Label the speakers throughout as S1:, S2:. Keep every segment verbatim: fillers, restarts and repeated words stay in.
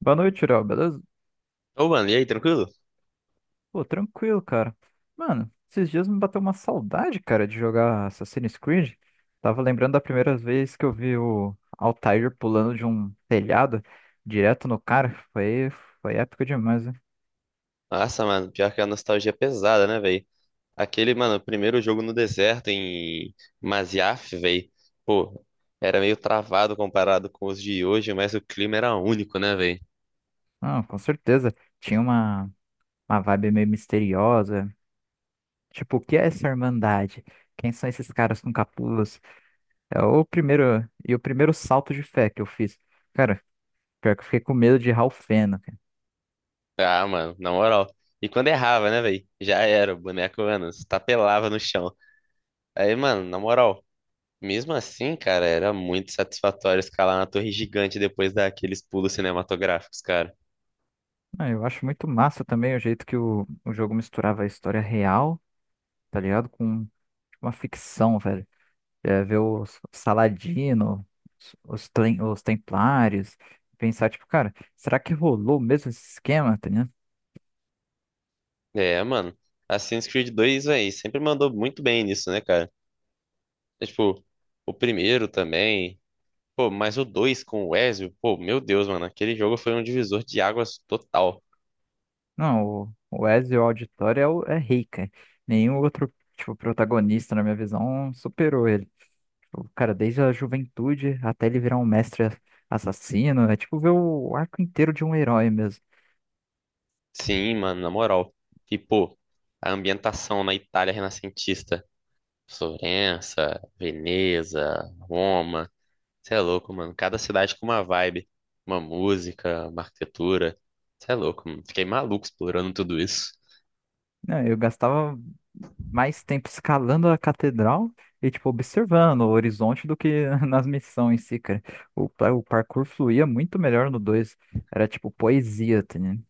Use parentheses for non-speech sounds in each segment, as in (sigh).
S1: Boa noite, Léo, beleza?
S2: Ô, mano, e aí, tranquilo?
S1: Pô, tranquilo, cara. Mano, esses dias me bateu uma saudade, cara, de jogar Assassin's Creed. Tava lembrando da primeira vez que eu vi o Altair pulando de um telhado direto no cara. Foi, foi épico demais, né?
S2: Nossa, mano, pior que a nostalgia é pesada, né, velho? Aquele, mano, primeiro jogo no deserto em Masyaf, velho. Pô, era meio travado comparado com os de hoje, mas o clima era único, né, velho?
S1: Não, com certeza. Tinha uma, uma vibe meio misteriosa. Tipo, o que é essa Irmandade? Quem são esses caras com capuz? É o primeiro, e o primeiro salto de fé que eu fiz. Cara, pior que eu fiquei com medo de Ralph.
S2: Ah, mano, na moral. E quando errava, né, velho? Já era, o boneco, mano, se tapelava no chão. Aí, mano, na moral, mesmo assim, cara, era muito satisfatório escalar na torre gigante depois daqueles pulos cinematográficos, cara.
S1: Ah, eu acho muito massa também o jeito que o, o jogo misturava a história real, tá ligado? Com tipo, uma ficção, velho. É, ver os Saladino, os, os, tlen- os Templários, pensar, tipo, cara, será que rolou mesmo esse esquema, tá ligado?
S2: É, mano. Assassin's Creed dois, velho, sempre mandou muito bem nisso, né, cara? É, tipo, o primeiro também. Pô, mas o dois com o Ezio, pô, meu Deus, mano, aquele jogo foi um divisor de águas total.
S1: Não, o, o Ezio Auditore é, o- é rei, cara. Nenhum outro, tipo, protagonista, na minha visão, superou ele. O cara, desde a juventude até ele virar um mestre assassino, é tipo ver o arco inteiro de um herói mesmo.
S2: Sim, mano, na moral. E, pô, a ambientação na Itália renascentista. Florença, Veneza, Roma. Você é louco, mano. Cada cidade com uma vibe, uma música, uma arquitetura. Você é louco, mano. Fiquei maluco explorando tudo isso.
S1: Não, eu gastava mais tempo escalando a catedral e, tipo, observando o horizonte do que (laughs) nas missões em si, cara. O, pa- o parkour fluía muito melhor no dois. Era, tipo, poesia, tá ligado?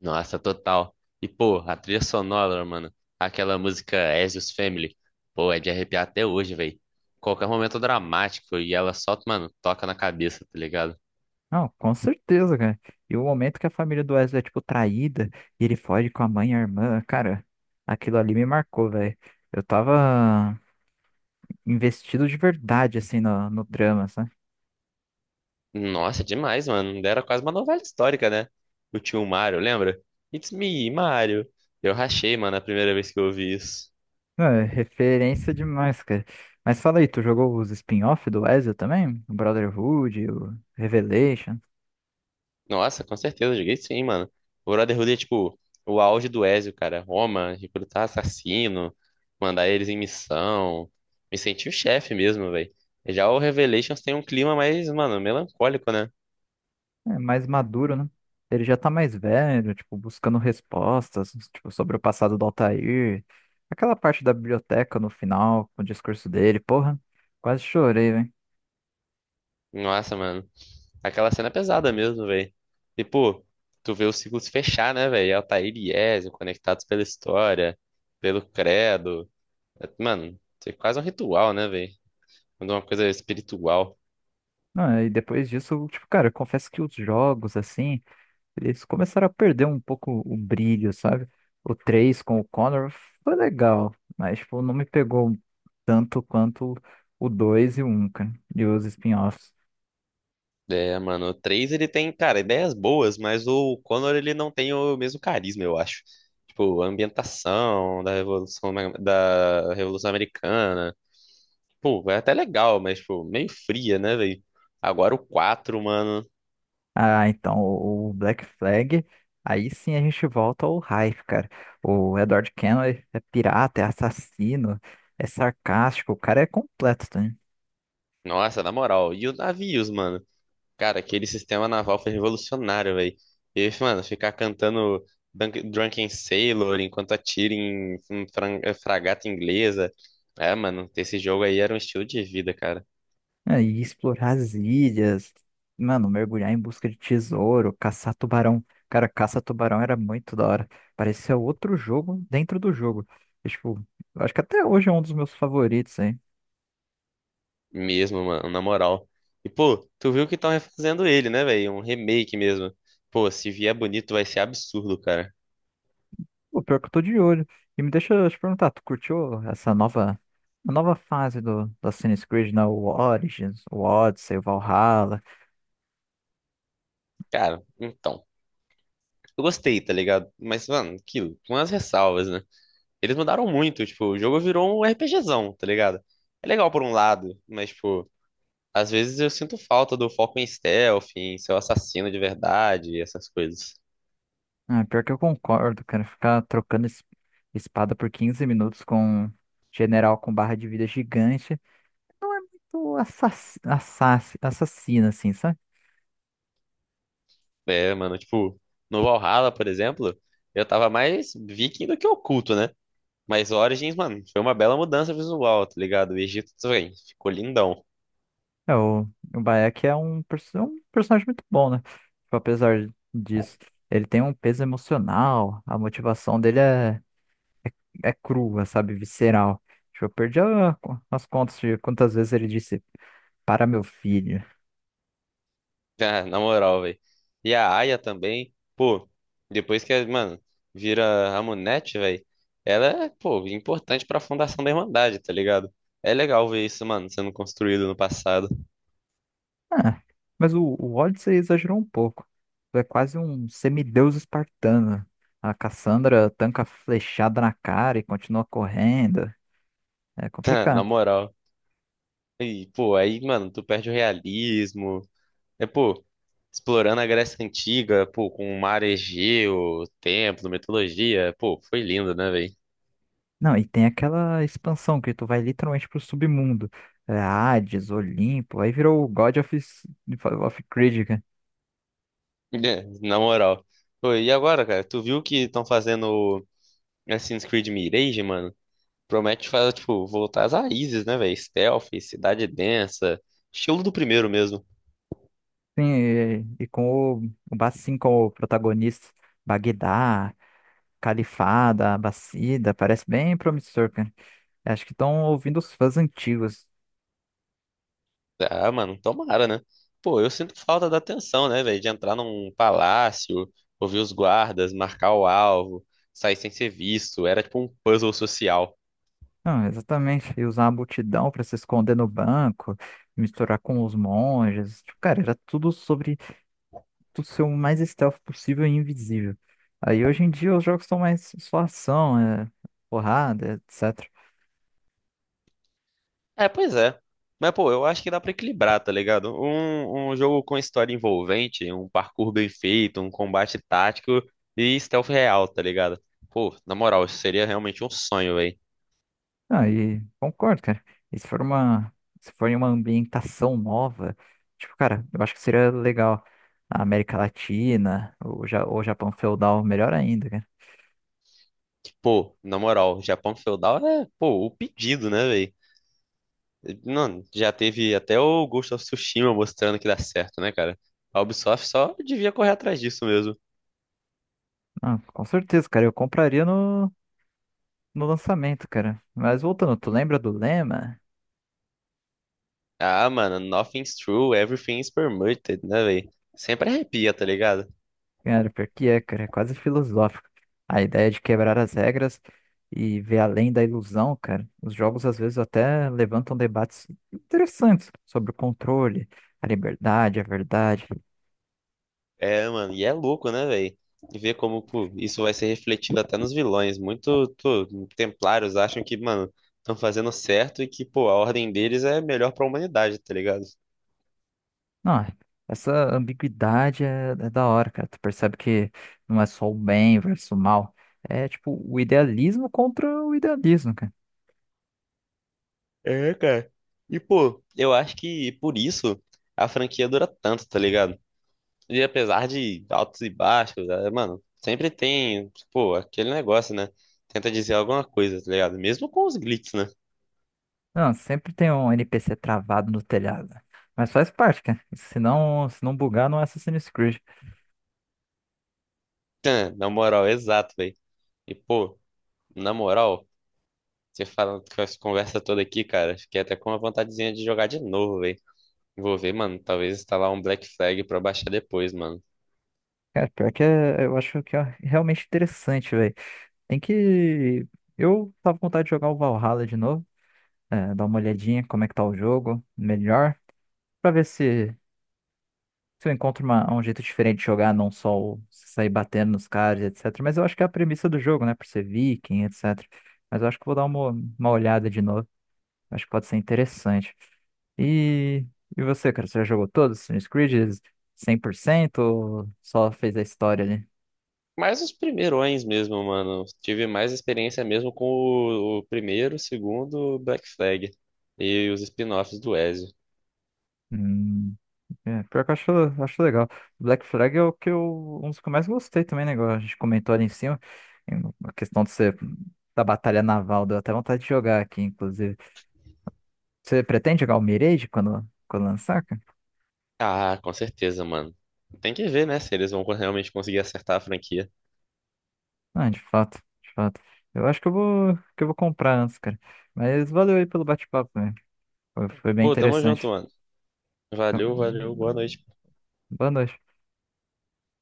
S2: Nossa, total. E, pô, a trilha sonora, mano. Aquela música Ezio's Family. Pô, é de arrepiar até hoje, velho. Qualquer momento dramático e ela só, mano, toca na cabeça, tá ligado?
S1: Não, com certeza, cara. E o momento que a família do Wesley é, tipo, traída e ele foge com a mãe e a irmã, cara, aquilo ali me marcou, velho. Eu tava investido de verdade, assim, no, no drama, sabe?
S2: Nossa, demais, mano. Era quase uma novela histórica, né? O tio Mario, lembra? It's me, Mario. Eu rachei, mano, a primeira vez que eu ouvi isso.
S1: Não, é referência demais, cara. Mas fala aí, tu jogou os spin-off do Ezio também? O Brotherhood, o Revelation?
S2: Nossa, com certeza, joguei sim, mano. O Brotherhood é tipo o auge do Ezio, cara. Roma, recrutar assassino, mandar eles em missão. Me senti o chefe mesmo, velho. Já o Revelations tem um clima mais, mano, melancólico, né?
S1: É mais maduro, né? Ele já tá mais velho, tipo, buscando respostas, tipo, sobre o passado do Altair. Aquela parte da biblioteca no final, com o discurso dele, porra, quase chorei, velho.
S2: Nossa, mano. Aquela cena é pesada mesmo, velho. Tipo, tu vê o ciclo se fechar, né, velho? Altair e Ezio conectados pela história, pelo credo. É, Mano, isso é quase um ritual, né, velho? Quando uma coisa é espiritual.
S1: Não, e depois disso, tipo, cara, eu confesso que os jogos, assim, eles começaram a perder um pouco o brilho, sabe? O três com o Connor foi legal, mas tipo, não me pegou tanto quanto o dois e o um, cara, e os spin-offs.
S2: É, mano, o três ele tem, cara, ideias boas, mas o Connor ele não tem o mesmo carisma, eu acho. Tipo, a ambientação da Revolução, da Revolução Americana. Pô, é até legal, mas, tipo, meio fria, né, velho? Agora o quatro mano.
S1: Ah, então, o o Black Flag, aí sim a gente volta ao hype, cara. O Edward Kenway é pirata, é assassino, é sarcástico, o cara é completo, tá?
S2: Nossa, na moral. E os navios, mano. Cara, aquele sistema naval foi revolucionário, velho. E, mano, ficar cantando Dunk- Drunken Sailor enquanto atira em em fran- eh, fragata inglesa. É, mano, esse jogo aí era um estilo de vida, cara.
S1: É, e explorar as ilhas, mano, mergulhar em busca de tesouro, caçar tubarão. Cara, caça tubarão era muito da hora. Parecia outro jogo dentro do jogo. E, tipo, eu acho que até hoje é um dos meus favoritos, hein?
S2: Mesmo, mano, na moral. E, pô, tu viu que estão refazendo ele, né, velho? Um remake mesmo. Pô, se vier bonito, vai ser absurdo, cara.
S1: O pior que eu tô de olho. E me deixa eu te perguntar, tu curtiu essa nova, a nova fase do, do Assassin's Creed, né? O Origins, o Odyssey, o Valhalla.
S2: Cara, então. Eu gostei, tá ligado? Mas, mano, aquilo, com as ressalvas, né? Eles mudaram muito, tipo, o jogo virou um RPGzão, tá ligado? É legal por um lado, mas, tipo, às vezes eu sinto falta do foco em stealth, em ser o assassino de verdade, essas coisas.
S1: Ah, pior que eu concordo, cara. Ficar trocando es- espada por quinze minutos com um general com barra de vida gigante. Não é muito assass- assass- assassina, assim, sabe?
S2: É, mano, tipo, no Valhalla, por exemplo, eu tava mais viking do que oculto, né? Mas Origins, mano, foi uma bela mudança visual, tá ligado? O Egito também ficou lindão. (laughs)
S1: É, o, o Bayek é um, perso- é um personagem muito bom, né? Tipo, apesar disso, ele tem um peso emocional, a motivação dele é, é crua, sabe? Visceral. Tipo, eu perdi a- as contas de quantas vezes ele disse para meu filho.
S2: Ah, na moral, velho. E a Aya também, pô, depois que, mano, vira a Munete, velho, ela é, pô, importante pra fundação da Irmandade, tá ligado? É legal ver isso, mano, sendo construído no passado.
S1: Ah, mas o, o Odyssey exagerou um pouco. É quase um semideus espartano. A Cassandra tanca flechada na cara e continua correndo. É
S2: (laughs) Na
S1: complicado.
S2: moral. E, pô, aí, mano, tu perde o realismo. É, pô, explorando a Grécia Antiga, pô, com o mar Egeu, o templo, mitologia. Pô, foi lindo, né, velho?
S1: Não, e tem aquela expansão que tu vai literalmente pro submundo. É Hades, Olimpo, aí virou o God of, of Creed, né?
S2: É, na moral. Pô, e agora, cara? Tu viu que estão fazendo o Assassin's Creed Mirage, mano? Promete fazer, tipo, voltar às raízes, né, velho? Stealth, cidade densa, estilo do primeiro mesmo.
S1: Sim, e, e com o, o Bassim como protagonista. Bagdá, Califada, Abacida, parece bem promissor, cara. Acho que estão ouvindo os fãs antigos.
S2: Ah, mano, tomara, né? Pô, eu sinto falta da atenção, né, velho? De entrar num palácio, ouvir os guardas, marcar o alvo, sair sem ser visto. Era tipo um puzzle social.
S1: Não, exatamente. E usar a multidão para se esconder no banco, misturar com os monges. Tipo, cara, era tudo sobre tu ser o mais stealth possível e invisível. Aí hoje em dia os jogos são mais só ação, é, porrada, etcétera.
S2: É, pois é. Mas, pô, eu acho que dá pra equilibrar, tá ligado? Um, um jogo com história envolvente, um parkour bem feito, um combate tático e stealth real, tá ligado? Pô, na moral, isso seria realmente um sonho, velho.
S1: Ah, e concordo, cara. E se for uma, se for em uma ambientação nova, tipo, cara, eu acho que seria legal. A América Latina, o, Ja- o Japão feudal, melhor ainda, cara.
S2: Pô, na moral, Japão feudal é, pô, o pedido, né, velho? Não, já teve até o Ghost of Tsushima mostrando que dá certo, né, cara? A Ubisoft só devia correr atrás disso mesmo.
S1: Não, com certeza, cara, eu compraria no. no lançamento, cara. Mas voltando, tu lembra do lema?
S2: Ah, mano, nothing's true, everything's permitted, né, velho? Sempre arrepia, tá ligado?
S1: Cara, pior que é, cara, é quase filosófico. A ideia de quebrar as regras e ver além da ilusão, cara. Os jogos às vezes até levantam debates interessantes sobre o controle, a liberdade, a verdade.
S2: É, mano, e é louco, né, velho? Ver como, pô, isso vai ser refletido até nos vilões. Muito, pô, templários acham que, mano, estão fazendo certo e que, pô, a ordem deles é melhor pra humanidade, tá ligado?
S1: Não, essa ambiguidade é, é da hora, cara. Tu percebe que não é só o bem versus o mal. É tipo o idealismo contra o idealismo, cara.
S2: É, cara. E, pô, eu acho que por isso a franquia dura tanto, tá ligado? E apesar de altos e baixos, é, mano, sempre tem, pô, aquele negócio, né? Tenta dizer alguma coisa, tá ligado? Mesmo com os glitches, né?
S1: Não, sempre tem um N P C travado no telhado. Mas faz parte, cara. Se não, se não bugar, não é Assassin's Creed.
S2: (laughs) Tã, Na moral, exato, velho. E, pô, na moral. Você falando com essa conversa toda aqui, cara, fiquei até com uma vontadezinha de jogar de novo, velho. Vou ver, mano, talvez instalar um Black Flag pra baixar depois, mano.
S1: Cara, pior que é, eu acho que é realmente interessante, velho. Tem que. Eu tava com vontade de jogar o Valhalla de novo. É, dar uma olhadinha como é que tá o jogo, melhor. Pra ver se, se eu encontro uma- um jeito diferente de jogar, não só o- sair batendo nos caras, etcétera. Mas eu acho que é a premissa do jogo, né? Por ser viking, etcétera. Mas eu acho que vou dar uma, uma olhada de novo. Acho que pode ser interessante. E, e você, cara, você já jogou todos os Assassin's Creed cem por cento ou só fez a história ali?
S2: Mas os primeirões mesmo, mano. Tive mais experiência mesmo com o, o primeiro, o segundo Black Flag e os spin-offs do Ezio.
S1: Hum, É, pior que eu acho, acho legal. Black Flag é o que eu, um dos que eu mais gostei também, né? Igual a gente comentou ali em cima, em- a questão de ser da batalha naval, deu até vontade de jogar aqui, inclusive. Você pretende jogar o Mirage quando, quando lançar, cara?
S2: Ah, com certeza, mano. Tem que ver, né, se eles vão realmente conseguir acertar a franquia.
S1: Ah, de fato, de fato. Eu acho que eu vou, que eu vou comprar antes, cara. Mas valeu aí pelo bate-papo, né? Foi, foi bem
S2: Pô, tamo junto,
S1: interessante.
S2: mano. Valeu, valeu, boa noite.
S1: Boa noite.